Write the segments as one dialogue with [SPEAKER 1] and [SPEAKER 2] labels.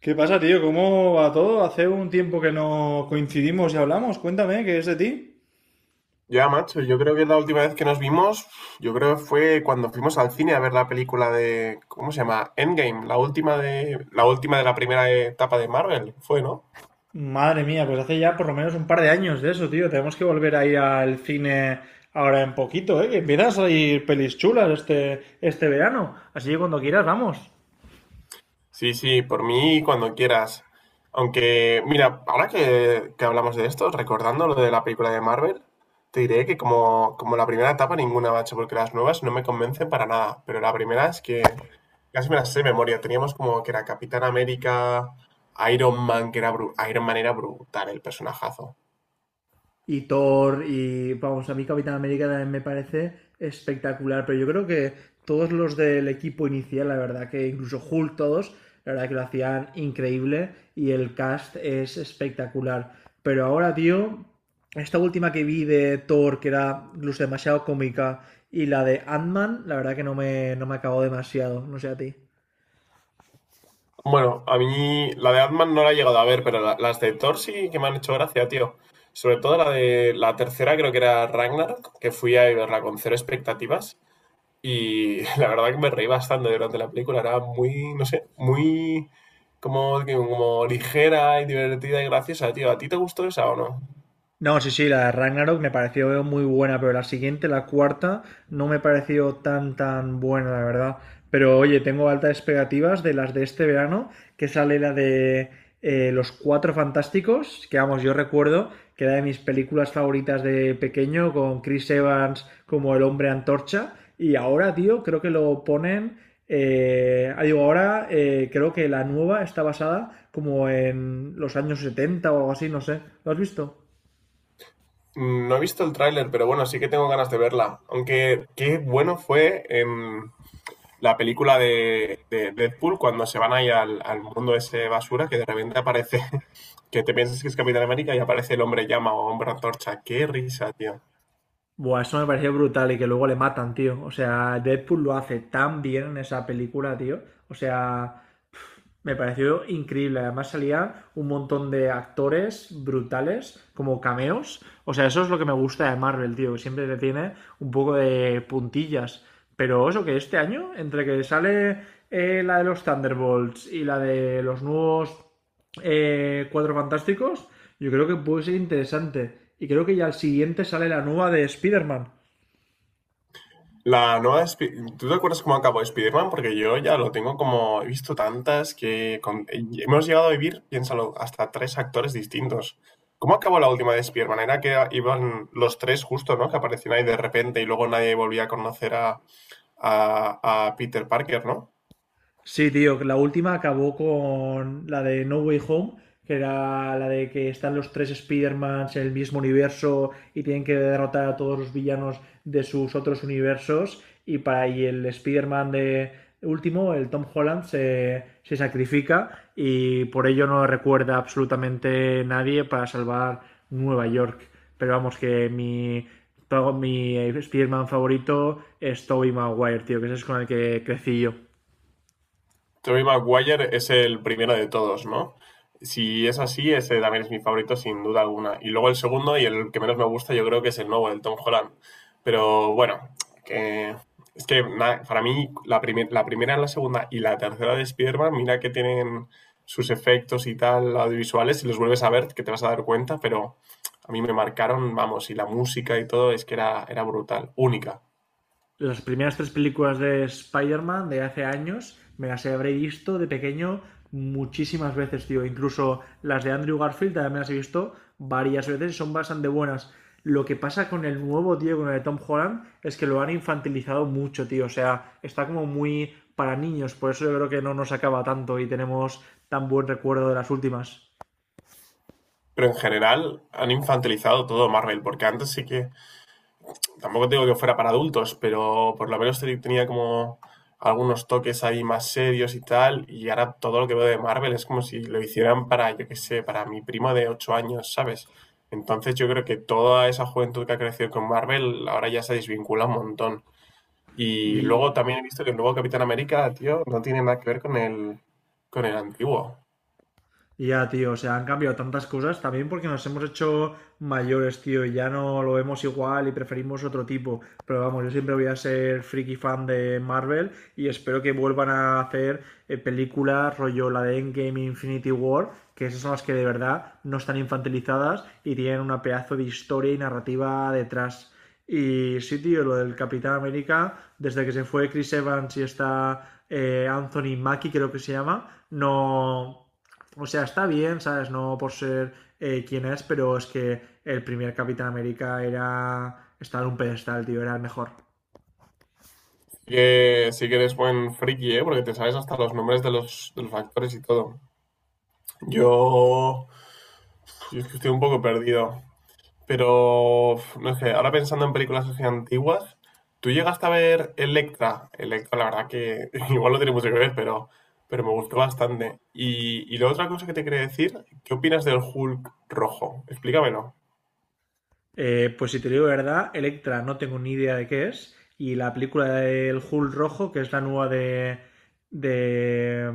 [SPEAKER 1] ¿Qué pasa, tío? ¿Cómo va todo? Hace un tiempo que no coincidimos y hablamos. Cuéntame, ¿qué es de ti?
[SPEAKER 2] Ya, macho, yo creo que la última vez que nos vimos, yo creo que fue cuando fuimos al cine a ver la película de, ¿cómo se llama? Endgame, la última de la primera etapa de Marvel, fue, ¿no?
[SPEAKER 1] Madre mía, pues hace ya por lo menos un par de años de eso, tío. Tenemos que volver a ir al cine ahora en poquito, ¿eh? Que empiezan a salir pelis chulas este verano. Así que cuando quieras, vamos.
[SPEAKER 2] Sí, sí, por mí cuando quieras. Aunque, mira, ahora que hablamos de esto, recordando lo de la película de Marvel, te diré que como la primera etapa ninguna, macho, porque las nuevas no me convencen para nada. Pero la primera es que casi me las sé de memoria. Teníamos como que era Capitán América, Iron Man, que era Iron Man era brutal el personajazo.
[SPEAKER 1] Y Thor y vamos, a mí Capitán América también me parece espectacular, pero yo creo que todos los del equipo inicial, la verdad que incluso Hulk todos, la verdad que lo hacían increíble y el cast es espectacular. Pero ahora, tío, esta última que vi de Thor, que era incluso demasiado cómica, y la de Ant-Man, la verdad que no me acabó demasiado, no sé a ti.
[SPEAKER 2] Bueno, a mí la de Ant-Man no la he llegado a ver, pero las de Thor sí que me han hecho gracia, tío. Sobre todo la de la tercera, creo que era Ragnarok, que fui a verla con cero expectativas y la verdad que me reí bastante durante la película. Era muy, no sé, muy como ligera y divertida y graciosa, tío. ¿A ti te gustó esa o no?
[SPEAKER 1] No, sí, sí, la de Ragnarok me pareció muy buena, pero la siguiente, la cuarta, no me pareció tan, tan buena, la verdad. Pero oye, tengo altas expectativas de las de este verano, que sale la de Los Cuatro Fantásticos, que vamos, yo recuerdo que era de mis películas favoritas de pequeño, con Chris Evans como el hombre antorcha, y ahora, tío, creo que lo ponen... digo, ahora creo que la nueva está basada como en los años 70 o algo así, no sé. ¿Lo has visto?
[SPEAKER 2] No he visto el tráiler, pero bueno, sí que tengo ganas de verla. Aunque qué bueno fue en la película de Deadpool cuando se van ahí al mundo ese basura que de repente aparece, que te piensas que es Capitán América y aparece el hombre llama o hombre antorcha. Qué risa, tío.
[SPEAKER 1] Buah, eso me pareció brutal y que luego le matan, tío. O sea, Deadpool lo hace tan bien en esa película, tío. O sea, me pareció increíble. Además salían un montón de actores brutales como cameos. O sea, eso es lo que me gusta de Marvel, tío, que siempre te tiene un poco de puntillas. Pero eso que este año, entre que sale la de los Thunderbolts y la de los nuevos Cuatro Fantásticos, yo creo que puede ser interesante. Y creo que ya al siguiente sale la nueva de Spider-Man.
[SPEAKER 2] La nueva. ¿Tú te acuerdas cómo acabó Spider-Man? Porque yo ya lo tengo como. He visto tantas que. Hemos llegado a vivir, piénsalo, hasta tres actores distintos. ¿Cómo acabó la última de Spider-Man? Era que iban los tres justo, ¿no? Que aparecían ahí de repente y luego nadie volvía a conocer a, a Peter Parker, ¿no?
[SPEAKER 1] Sí, tío, que la última acabó con la de No Way Home, que era la de que están los tres Spider-Mans en el mismo universo y tienen que derrotar a todos los villanos de sus otros universos. Y para ahí el Spider-Man de último, el Tom Holland, se sacrifica y por ello no recuerda absolutamente nadie para salvar Nueva York. Pero vamos, que mi Spider-Man favorito es Tobey Maguire, tío, que ese es con el que crecí yo.
[SPEAKER 2] Tobey Maguire es el primero de todos, ¿no? Si es así, ese también es mi favorito sin duda alguna. Y luego el segundo y el que menos me gusta yo creo que es el nuevo, el Tom Holland. Pero bueno, que... es que para mí la primera, la segunda y la tercera de Spider-Man, mira que tienen sus efectos y tal audiovisuales, si los vuelves a ver que te vas a dar cuenta, pero a mí me marcaron, vamos, y la música y todo es que era brutal, única.
[SPEAKER 1] Las primeras tres películas de Spider-Man de hace años me las habré visto de pequeño muchísimas veces, tío. Incluso las de Andrew Garfield también me las he visto varias veces y son bastante buenas. Lo que pasa con el nuevo, tío, con el de Tom Holland, es que lo han infantilizado mucho, tío. O sea, está como muy para niños. Por eso yo creo que no nos acaba tanto y tenemos tan buen recuerdo de las últimas.
[SPEAKER 2] Pero en general han infantilizado todo Marvel, porque antes sí que tampoco digo que fuera para adultos, pero por lo menos tenía como algunos toques ahí más serios y tal, y ahora todo lo que veo de Marvel es como si lo hicieran para, yo qué sé, para mi primo de 8 años, ¿sabes? Entonces yo creo que toda esa juventud que ha crecido con Marvel ahora ya se desvincula un montón. Y luego
[SPEAKER 1] Y
[SPEAKER 2] también he visto que el nuevo Capitán América, tío, no tiene nada que ver con el antiguo.
[SPEAKER 1] ya, tío, o sea, han cambiado tantas cosas también porque nos hemos hecho mayores, tío, y ya no lo vemos igual y preferimos otro tipo. Pero vamos, yo siempre voy a ser friki fan de Marvel y espero que vuelvan a hacer películas rollo la de Endgame Infinity War, que esas son las que de verdad no están infantilizadas y tienen una pedazo de historia y narrativa detrás. Y sí, tío, lo del Capitán América, desde que se fue Chris Evans y está Anthony Mackie, creo que se llama, no o sea, está bien, ¿sabes? No por ser quien es, pero es que el primer Capitán América era. Estaba en un pedestal, tío, era el mejor.
[SPEAKER 2] Sí que eres buen friki, ¿eh? Porque te sabes hasta los nombres de los actores y todo. Yo... Yo es que estoy un poco perdido. Pero, uf, no sé, ahora pensando en películas así antiguas, ¿tú llegaste a ver Electra? Electra, la verdad que igual no tiene mucho que ver, pero me gustó bastante. Y la otra cosa que te quería decir, ¿qué opinas del Hulk rojo? Explícamelo.
[SPEAKER 1] Pues si te digo la verdad, Electra no tengo ni idea de qué es. Y la película del Hulk rojo, que es la nueva de, de.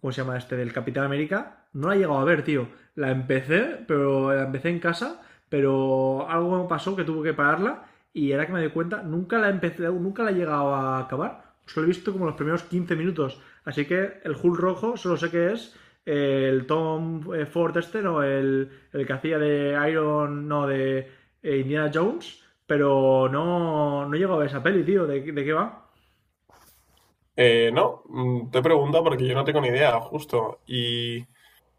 [SPEAKER 1] ¿Cómo se llama este? Del Capitán América. No la he llegado a ver, tío. La empecé, pero la empecé en casa, pero algo me pasó que tuve que pararla y era que me di cuenta, nunca la empecé, nunca la he llegado a acabar. Solo he visto como los primeros 15 minutos. Así que el Hulk rojo solo sé que es el Tom Ford este, ¿no? El que hacía de Iron, no, de Indiana Jones, pero no, no he llegado a ver esa peli, tío, ¿de qué va?
[SPEAKER 2] No, te pregunto porque yo no tengo ni idea, justo. Y,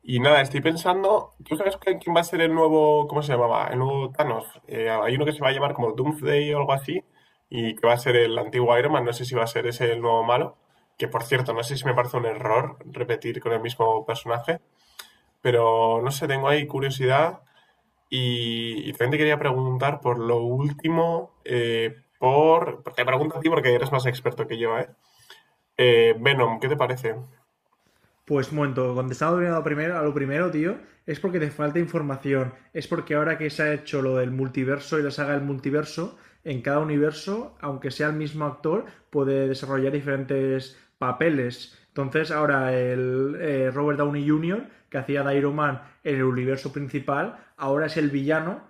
[SPEAKER 2] y nada, estoy pensando, ¿tú sabes quién va a ser el nuevo, cómo se llamaba? El nuevo Thanos. Hay uno que se va a llamar como Doomsday o algo así, y que va a ser el antiguo Iron Man, no sé si va a ser ese el nuevo malo, que por cierto, no sé si me parece un error repetir con el mismo personaje, pero no sé, tengo ahí curiosidad y también te quería preguntar por lo último, por... Te pregunto a ti porque eres más experto que yo, ¿eh? Venom, ¿qué te parece?
[SPEAKER 1] Pues un momento, contestando a lo primero, tío, es porque te falta información. Es porque ahora que se ha hecho lo del multiverso y la saga del multiverso, en cada universo, aunque sea el mismo actor, puede desarrollar diferentes papeles. Entonces, ahora el Robert Downey Jr., que hacía de Iron Man en el universo principal, ahora es el villano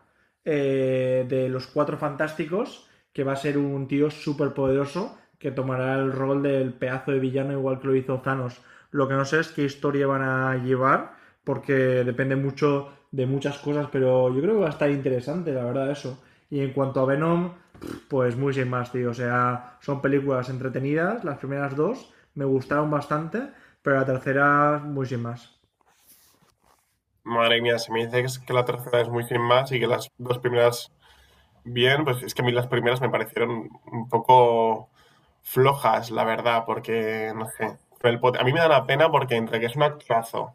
[SPEAKER 1] de los cuatro fantásticos, que va a ser un tío súper poderoso que tomará el rol del pedazo de villano igual que lo hizo Thanos. Lo que no sé es qué historia van a llevar, porque depende mucho de muchas cosas, pero yo creo que va a estar interesante, la verdad, eso. Y en cuanto a Venom, pues muy sin más, tío. O sea, son películas entretenidas, las primeras dos me gustaron bastante, pero la tercera muy sin más.
[SPEAKER 2] Madre mía, se me dice que que la tercera es muy sin más y que las dos primeras. Bien, pues es que a mí las primeras me parecieron un poco flojas, la verdad, porque, no sé, con el a mí me da la pena porque entre que es un actorazo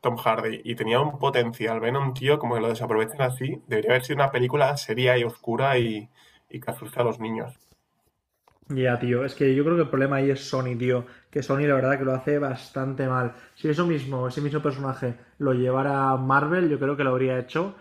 [SPEAKER 2] Tom Hardy y tenía un potencial, ven a un tío como que lo desaprovechan así, debería haber sido una película seria y oscura y que asusta a los niños.
[SPEAKER 1] Ya, yeah, tío, es que yo creo que el problema ahí es Sony, tío. Que Sony la verdad que lo hace bastante mal. Si eso mismo, ese mismo personaje lo llevara Marvel, yo creo que lo habría hecho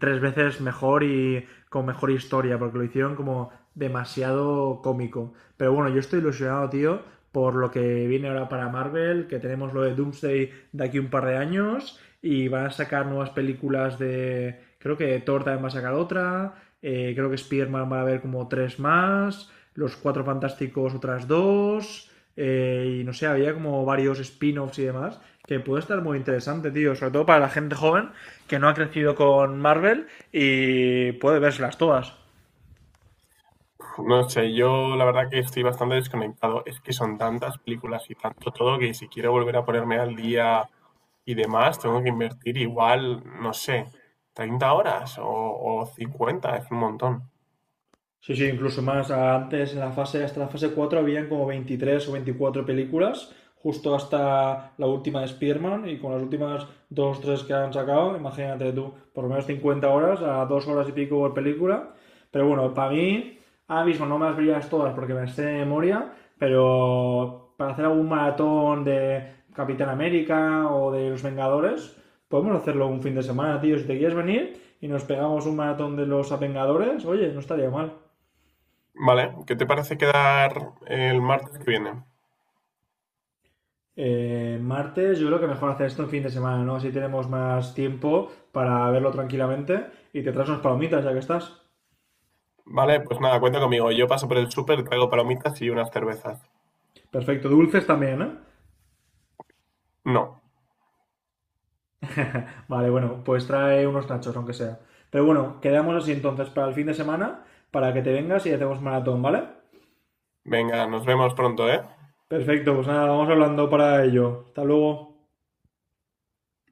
[SPEAKER 1] tres veces mejor y con mejor historia, porque lo hicieron como demasiado cómico. Pero bueno, yo estoy ilusionado, tío, por lo que viene ahora para Marvel, que tenemos lo de Doomsday de aquí un par de años y van a sacar nuevas películas de... Creo que Thor también va a sacar otra, creo que Spider-Man va a haber como tres más. Los Cuatro Fantásticos otras dos, y no sé, había como varios spin-offs y demás, que puede estar muy interesante, tío, sobre todo para la gente joven que no ha crecido con Marvel y puede verlas todas.
[SPEAKER 2] No sé, yo la verdad que estoy bastante desconectado. Es que son tantas películas y tanto todo que si quiero volver a ponerme al día y demás, tengo que invertir igual, no sé, 30 horas o 50 horas, es un montón.
[SPEAKER 1] Sí, sí, incluso más. Antes, en la fase, hasta la fase 4 habían como 23 o 24 películas, justo hasta la última de Spearman, y con las últimas dos o tres que han sacado, imagínate tú, por lo menos 50 horas, a 2 horas y pico por película. Pero bueno, para mí, ahora mismo no me las verías todas porque me las sé de memoria, pero para hacer algún maratón de Capitán América o de Los Vengadores, podemos hacerlo un fin de semana, tío. Si te quieres venir y nos pegamos un maratón de los Vengadores, oye, no estaría mal.
[SPEAKER 2] Vale, ¿qué te parece quedar el martes que viene?
[SPEAKER 1] Martes, yo creo que mejor hacer esto en fin de semana, ¿no? Así tenemos más tiempo para verlo tranquilamente y te traes unas palomitas ya que estás.
[SPEAKER 2] Vale, pues nada, cuenta conmigo. Yo paso por el súper, traigo palomitas y unas cervezas.
[SPEAKER 1] Perfecto, dulces también, ¿eh?
[SPEAKER 2] No.
[SPEAKER 1] Vale, bueno, pues trae unos nachos, aunque sea. Pero bueno, quedamos así entonces para el fin de semana, para que te vengas y hacemos maratón, ¿vale?
[SPEAKER 2] Venga, nos vemos pronto, ¿eh?
[SPEAKER 1] Perfecto, pues nada, vamos hablando para ello. Hasta luego.